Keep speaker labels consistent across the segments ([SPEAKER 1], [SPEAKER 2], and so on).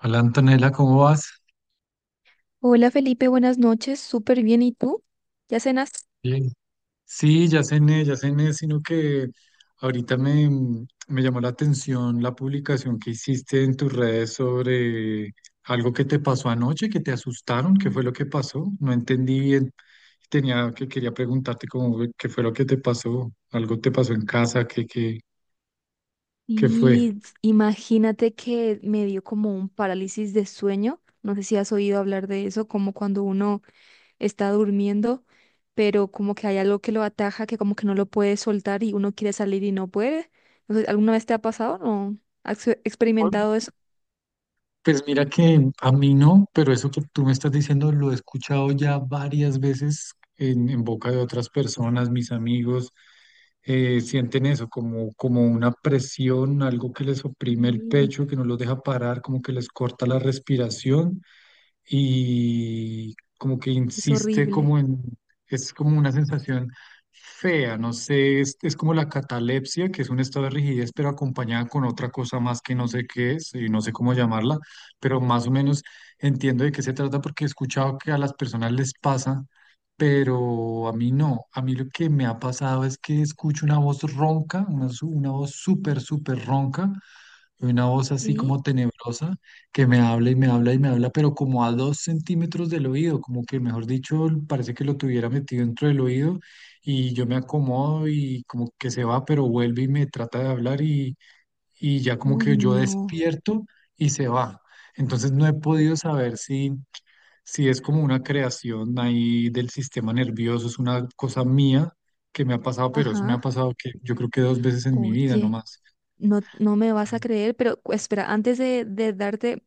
[SPEAKER 1] Hola Antonella, ¿cómo vas?
[SPEAKER 2] Hola Felipe, buenas noches, súper bien. ¿Y tú? ¿Ya cenas?
[SPEAKER 1] Bien. Sí, ya cené, sino que ahorita me, me llamó la atención la publicación que hiciste en tus redes sobre algo que te pasó anoche, que te asustaron. ¿Qué fue lo que pasó? No entendí bien. Tenía que quería preguntarte qué fue lo que te pasó, algo te pasó en casa, qué fue.
[SPEAKER 2] Y imagínate que me dio como un parálisis de sueño. No sé si has oído hablar de eso, como cuando uno está durmiendo, pero como que hay algo que lo ataja, que como que no lo puede soltar y uno quiere salir y no puede. No sé, ¿alguna vez te ha pasado? ¿No? ¿Has experimentado eso?
[SPEAKER 1] Pues mira que a mí no, pero eso que tú me estás diciendo lo he escuchado ya varias veces en boca de otras personas, mis amigos sienten eso como, como una presión, algo que les oprime el
[SPEAKER 2] Sí,
[SPEAKER 1] pecho, que no los deja parar, como que les corta la respiración y como que
[SPEAKER 2] es
[SPEAKER 1] insiste
[SPEAKER 2] horrible.
[SPEAKER 1] es como una sensación fea. No sé, es como la catalepsia, que es un estado de rigidez, pero acompañada con otra cosa más que no sé qué es y no sé cómo llamarla, pero más o menos entiendo de qué se trata porque he escuchado que a las personas les pasa, pero a mí no. A mí lo que me ha pasado es que escucho una voz ronca, una voz súper, súper ronca, una voz así
[SPEAKER 2] ¿Sí?
[SPEAKER 1] como tenebrosa, que me habla y me habla y me habla, pero como a dos centímetros del oído, como que, mejor dicho, parece que lo tuviera metido dentro del oído, y yo me acomodo y como que se va, pero vuelve y me trata de hablar, y ya como que
[SPEAKER 2] Uy,
[SPEAKER 1] yo
[SPEAKER 2] no.
[SPEAKER 1] despierto y se va. Entonces no he podido saber si es como una creación ahí del sistema nervioso, es una cosa mía que me ha pasado, pero eso me ha
[SPEAKER 2] Ajá.
[SPEAKER 1] pasado que yo creo que dos veces en mi vida
[SPEAKER 2] Oye.
[SPEAKER 1] nomás.
[SPEAKER 2] No, no me vas a creer, pero espera, antes de darte,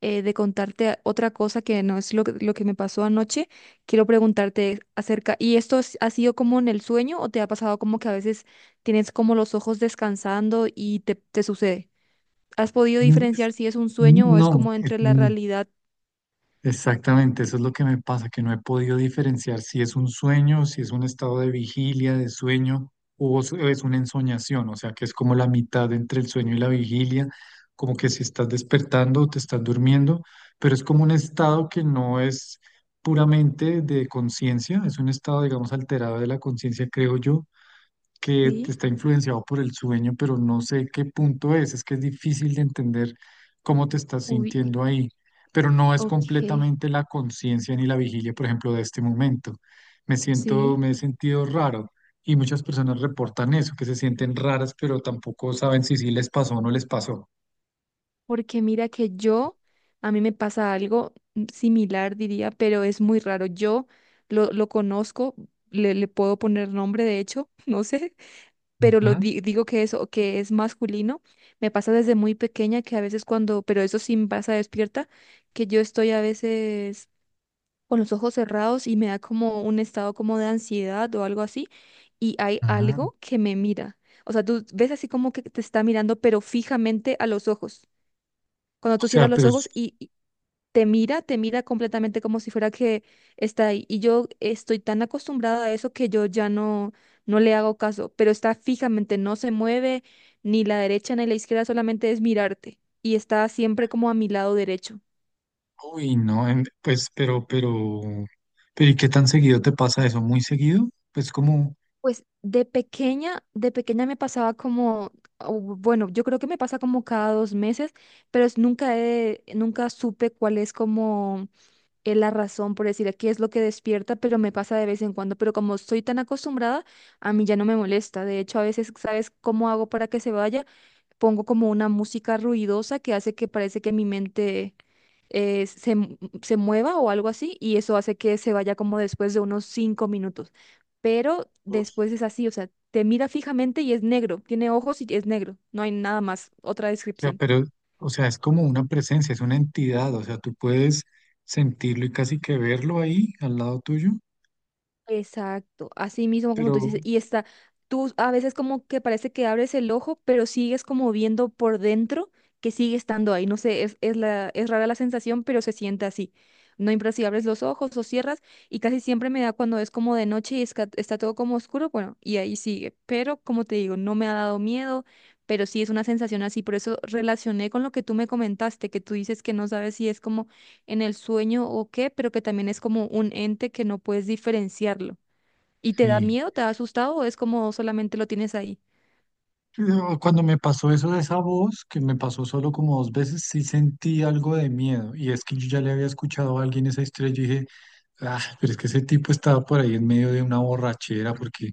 [SPEAKER 2] de contarte otra cosa que no es lo que me pasó anoche, quiero preguntarte acerca, ¿y esto ha sido como en el sueño o te ha pasado como que a veces tienes como los ojos descansando y te sucede? ¿Has podido
[SPEAKER 1] Mm, es-
[SPEAKER 2] diferenciar si es un sueño o es
[SPEAKER 1] No,
[SPEAKER 2] como
[SPEAKER 1] es-
[SPEAKER 2] entre la
[SPEAKER 1] mm,
[SPEAKER 2] realidad?
[SPEAKER 1] Exactamente, eso es lo que me pasa, que no he podido diferenciar si es un sueño, si es un estado de vigilia, de sueño, o es una ensoñación. O sea, que es como la mitad entre el sueño y la vigilia, como que si estás despertando o te estás durmiendo, pero es como un estado que no es puramente de conciencia, es un estado, digamos, alterado de la conciencia, creo yo, que
[SPEAKER 2] Sí,
[SPEAKER 1] está influenciado por el sueño, pero no sé qué punto es que es difícil de entender cómo te estás
[SPEAKER 2] uy,
[SPEAKER 1] sintiendo ahí, pero no es
[SPEAKER 2] ok,
[SPEAKER 1] completamente la conciencia ni la vigilia, por ejemplo, de este momento. Me siento,
[SPEAKER 2] sí.
[SPEAKER 1] me he sentido raro, y muchas personas reportan eso, que se sienten raras, pero tampoco saben si sí les pasó o no les pasó.
[SPEAKER 2] Porque mira que yo, a mí me pasa algo similar, diría, pero es muy raro. Yo lo conozco, le puedo poner nombre, de hecho, no sé, pero lo
[SPEAKER 1] Ujú,
[SPEAKER 2] digo que eso, que es masculino. Me pasa desde muy pequeña que a veces cuando, pero eso sí me pasa despierta, que yo estoy a veces con los ojos cerrados y me da como un estado como de ansiedad o algo así, y hay
[SPEAKER 1] ujú.
[SPEAKER 2] algo que me mira. O sea, tú ves así como que te está mirando, pero fijamente a los ojos. Cuando
[SPEAKER 1] O
[SPEAKER 2] tú
[SPEAKER 1] sea,
[SPEAKER 2] cierras los ojos y te mira completamente como si fuera que está ahí. Y yo estoy tan acostumbrada a eso que yo ya no, no le hago caso, pero está fijamente, no se mueve ni la derecha ni la izquierda, solamente es mirarte. Y está siempre como a mi lado derecho.
[SPEAKER 1] uy, no, ¿y qué tan seguido te pasa eso? ¿Muy seguido? Pues como...
[SPEAKER 2] Pues de pequeña me pasaba como, o bueno, yo creo que me pasa como cada 2 meses, pero nunca nunca supe cuál es como es la razón por decir aquí es lo que despierta, pero me pasa de vez en cuando, pero como estoy tan acostumbrada, a mí ya no me molesta. De hecho, a veces, ¿sabes cómo hago para que se vaya? Pongo como una música ruidosa que hace que parece que mi mente se mueva o algo así, y eso hace que se vaya como después de unos 5 minutos. Pero después es así, o sea, te mira fijamente y es negro, tiene ojos y es negro, no hay nada más, otra
[SPEAKER 1] sea,
[SPEAKER 2] descripción.
[SPEAKER 1] pero, o sea, es como una presencia, es una entidad, o sea, tú puedes sentirlo y casi que verlo ahí al lado tuyo,
[SPEAKER 2] Exacto, así mismo como tú
[SPEAKER 1] pero
[SPEAKER 2] dices, y está, tú a veces como que parece que abres el ojo, pero sigues como viendo por dentro que sigue estando ahí, no sé, es rara la sensación, pero se siente así. No importa si abres los ojos o cierras, y casi siempre me da cuando es como de noche y está todo como oscuro, bueno, y ahí sigue, pero como te digo, no me ha dado miedo, pero sí es una sensación así, por eso relacioné con lo que tú me comentaste, que tú dices que no sabes si es como en el sueño o qué, pero que también es como un ente que no puedes diferenciarlo. ¿Y te da
[SPEAKER 1] sí.
[SPEAKER 2] miedo, te da asustado o es como solamente lo tienes ahí?
[SPEAKER 1] Pero cuando me pasó eso de esa voz, que me pasó solo como dos veces, sí sentí algo de miedo. Y es que yo ya le había escuchado a alguien esa historia. Ah, pero es que ese tipo estaba por ahí en medio de una borrachera, porque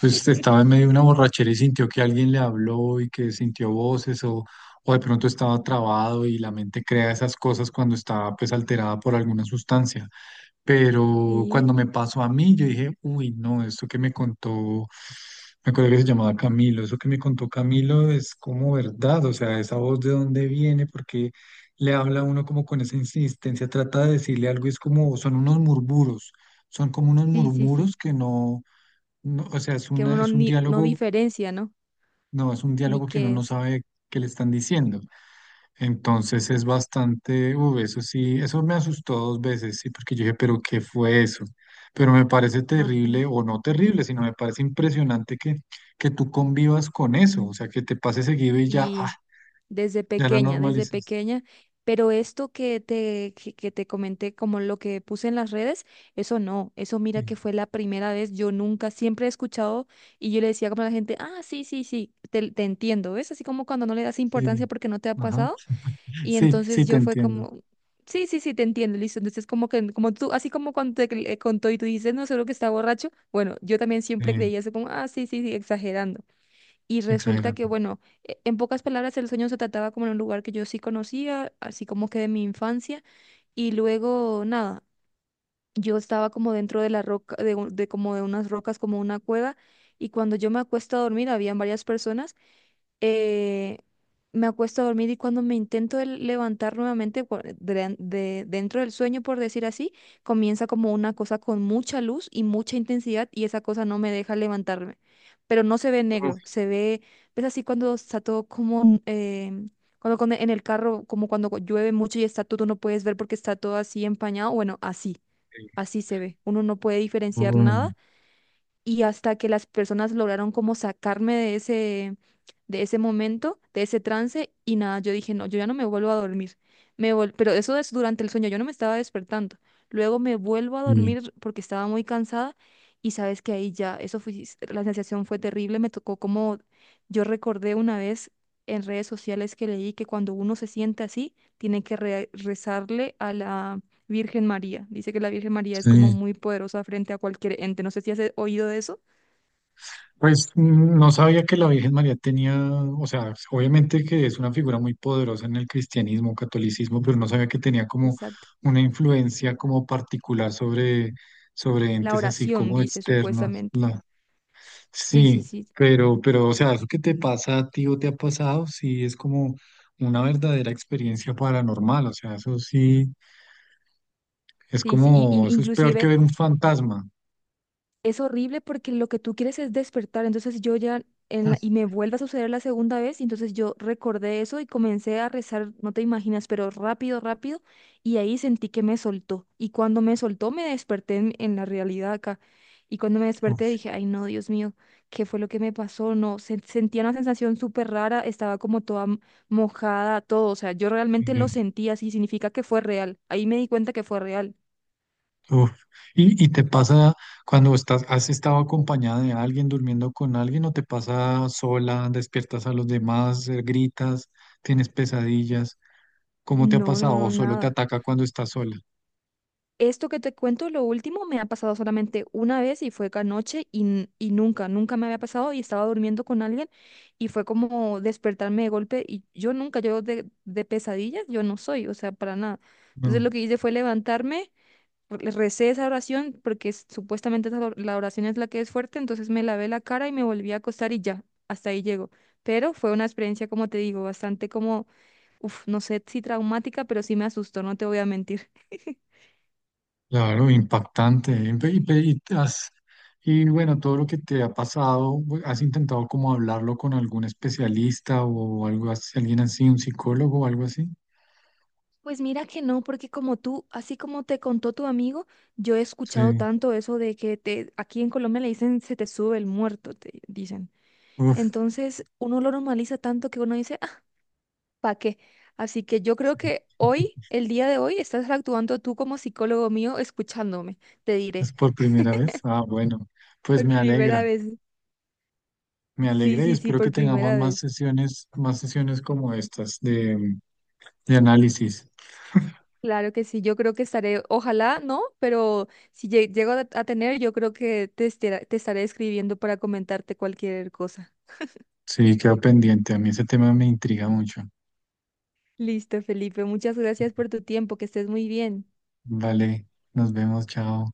[SPEAKER 1] pues estaba en medio de una borrachera y sintió que alguien le habló y que sintió o de pronto estaba trabado y la mente crea esas cosas cuando está pues alterada por alguna sustancia. Pero
[SPEAKER 2] Sí,
[SPEAKER 1] cuando me pasó a mí, yo dije, uy, no, esto que me contó, me acuerdo que se llamaba Camilo, eso que me contó Camilo es como verdad. O sea, esa voz, ¿de dónde viene? Porque le habla a uno como con esa insistencia, trata de decirle algo y es como, son unos murmuros, son como unos
[SPEAKER 2] sí, sí,
[SPEAKER 1] murmuros
[SPEAKER 2] sí.
[SPEAKER 1] que no, no, O sea,
[SPEAKER 2] Que uno no,
[SPEAKER 1] es un
[SPEAKER 2] ni, no
[SPEAKER 1] diálogo,
[SPEAKER 2] diferencia, ¿no?
[SPEAKER 1] no, es un
[SPEAKER 2] Ni
[SPEAKER 1] diálogo que uno
[SPEAKER 2] qué
[SPEAKER 1] no
[SPEAKER 2] es.
[SPEAKER 1] sabe qué le están diciendo. Entonces
[SPEAKER 2] Uf,
[SPEAKER 1] es bastante, uy, eso sí, eso me asustó dos veces, sí, porque yo dije, pero ¿qué fue eso? Pero me parece terrible,
[SPEAKER 2] ajá.
[SPEAKER 1] o no terrible, sino me parece impresionante que tú convivas con eso. O sea, que te pase seguido y ya, ah,
[SPEAKER 2] Y
[SPEAKER 1] ya la
[SPEAKER 2] desde
[SPEAKER 1] normalizas.
[SPEAKER 2] pequeña, pero esto que te comenté, como lo que puse en las redes, eso no, eso
[SPEAKER 1] Sí,
[SPEAKER 2] mira que fue la primera vez, yo nunca, siempre he escuchado y yo le decía como a la gente, ah, sí, sí, sí, te entiendo, ¿ves? Así como cuando no le das importancia
[SPEAKER 1] sí,
[SPEAKER 2] porque no te ha
[SPEAKER 1] ajá,
[SPEAKER 2] pasado y
[SPEAKER 1] sí, sí,
[SPEAKER 2] entonces
[SPEAKER 1] te
[SPEAKER 2] yo fue
[SPEAKER 1] entiendo.
[SPEAKER 2] como. Sí, sí, sí, te entiendo, listo. Entonces, como que, como tú, así como cuando te contó y tú dices, no, seguro que está borracho. Bueno, yo también siempre
[SPEAKER 1] Sí,
[SPEAKER 2] creía eso como, ah, sí, sí, sí, exagerando. Y resulta
[SPEAKER 1] exagerando.
[SPEAKER 2] que, bueno, en pocas palabras, el sueño se trataba como en un lugar que yo sí conocía, así como que de mi infancia. Y luego, nada, yo estaba como dentro de la roca, de como de unas rocas, como una cueva. Y cuando yo me acuesto a dormir, habían varias personas eh, me acuesto a dormir y cuando me intento levantar nuevamente dentro del sueño, por decir así, comienza como una cosa con mucha luz y mucha intensidad y esa cosa no me deja levantarme. Pero no se ve
[SPEAKER 1] Uf,
[SPEAKER 2] negro, ves así cuando está todo como, cuando en el carro, como cuando llueve mucho y está todo, no puedes ver porque está todo así empañado, bueno, así,
[SPEAKER 1] sí,
[SPEAKER 2] así se ve. Uno no puede diferenciar
[SPEAKER 1] oh,
[SPEAKER 2] nada y hasta que las personas lograron como sacarme de ese momento, de ese trance, y nada, yo dije, no, yo ya no me vuelvo a dormir. Pero eso es durante el sueño, yo no me estaba despertando. Luego me vuelvo a
[SPEAKER 1] sí,
[SPEAKER 2] dormir porque estaba muy cansada y sabes que ahí ya, eso fue, la sensación fue terrible, me tocó como, yo recordé una vez en redes sociales que leí que cuando uno se siente así, tiene que rezarle a la Virgen María. Dice que la Virgen María es como
[SPEAKER 1] sí.
[SPEAKER 2] muy poderosa frente a cualquier ente. No sé si has oído de eso.
[SPEAKER 1] Pues mm, no sabía que la Virgen María tenía, o sea, obviamente que es una figura muy poderosa en el cristianismo, catolicismo, pero no sabía que tenía como
[SPEAKER 2] Exacto.
[SPEAKER 1] una influencia como particular sobre, sobre
[SPEAKER 2] La
[SPEAKER 1] entes así
[SPEAKER 2] oración,
[SPEAKER 1] como
[SPEAKER 2] dice
[SPEAKER 1] externos.
[SPEAKER 2] supuestamente.
[SPEAKER 1] La,
[SPEAKER 2] Sí, sí,
[SPEAKER 1] sí,
[SPEAKER 2] sí.
[SPEAKER 1] pero, o sea, eso que te pasa a ti o te ha pasado, sí es como una verdadera experiencia paranormal. O sea, eso sí es
[SPEAKER 2] Sí, sí.
[SPEAKER 1] como, eso es peor que
[SPEAKER 2] Inclusive
[SPEAKER 1] ver un fantasma.
[SPEAKER 2] es horrible porque lo que tú quieres es despertar. Entonces yo ya, y me vuelve a suceder la segunda vez, y entonces yo recordé eso y comencé a rezar, no te imaginas, pero rápido, rápido, y ahí sentí que me soltó. Y cuando me soltó, me desperté en la realidad acá. Y cuando me desperté
[SPEAKER 1] Uf,
[SPEAKER 2] dije, ay no, Dios mío, ¿qué fue lo que me pasó? No, sentía una sensación súper rara, estaba como toda mojada, todo. O sea, yo realmente lo
[SPEAKER 1] sí.
[SPEAKER 2] sentí así, significa que fue real. Ahí me di cuenta que fue real.
[SPEAKER 1] Uf, ¿y, y te pasa cuando estás, has estado acompañada de alguien, durmiendo con alguien, o te pasa sola, despiertas a los demás, gritas, tienes pesadillas? ¿Cómo te ha
[SPEAKER 2] No, no,
[SPEAKER 1] pasado? ¿O
[SPEAKER 2] no,
[SPEAKER 1] solo te
[SPEAKER 2] nada.
[SPEAKER 1] ataca cuando estás sola?
[SPEAKER 2] Esto que te cuento, lo último, me ha pasado solamente una vez y fue anoche y, y nunca, nunca me había pasado y estaba durmiendo con alguien y fue como despertarme de golpe y yo nunca, yo de pesadillas, yo no soy, o sea, para nada. Entonces
[SPEAKER 1] No,
[SPEAKER 2] lo que hice fue levantarme, le recé esa oración porque supuestamente esa la oración es la que es fuerte, entonces me lavé la cara y me volví a acostar y ya, hasta ahí llego. Pero fue una experiencia, como te digo, bastante como, uff, no sé si traumática, pero sí me asustó, no te voy a mentir.
[SPEAKER 1] claro, impactante. Impe- Y, pe- y te has- y bueno, todo lo que te ha pasado, bu- ¿has intentado como hablarlo con algún especialista o algo así, alguien así, un psicólogo o algo así?
[SPEAKER 2] Pues mira que no, porque como tú, así como te contó tu amigo, yo he escuchado
[SPEAKER 1] Sí,
[SPEAKER 2] tanto eso de que aquí en Colombia le dicen se te sube el muerto, te dicen.
[SPEAKER 1] uf,
[SPEAKER 2] Entonces uno lo normaliza tanto que uno dice, ah, ¿pa' qué? Así que yo creo
[SPEAKER 1] sí.
[SPEAKER 2] que hoy, el día de hoy, estás actuando tú como psicólogo mío escuchándome, te
[SPEAKER 1] ¿Es
[SPEAKER 2] diré.
[SPEAKER 1] por primera vez? Ah, bueno, pues
[SPEAKER 2] Por
[SPEAKER 1] me alegra.
[SPEAKER 2] primera vez.
[SPEAKER 1] Me
[SPEAKER 2] Sí,
[SPEAKER 1] alegra y
[SPEAKER 2] sí, sí,
[SPEAKER 1] espero que
[SPEAKER 2] por
[SPEAKER 1] tengamos
[SPEAKER 2] primera vez.
[SPEAKER 1] más sesiones como estas de análisis.
[SPEAKER 2] Claro que sí, yo creo que estaré, ojalá no, pero si llego a tener, yo creo que te estaré escribiendo para comentarte cualquier cosa.
[SPEAKER 1] Sí, quedo pendiente. A mí ese tema me intriga mucho.
[SPEAKER 2] Listo, Felipe, muchas gracias por tu tiempo, que estés muy bien.
[SPEAKER 1] Vale, nos vemos, chao.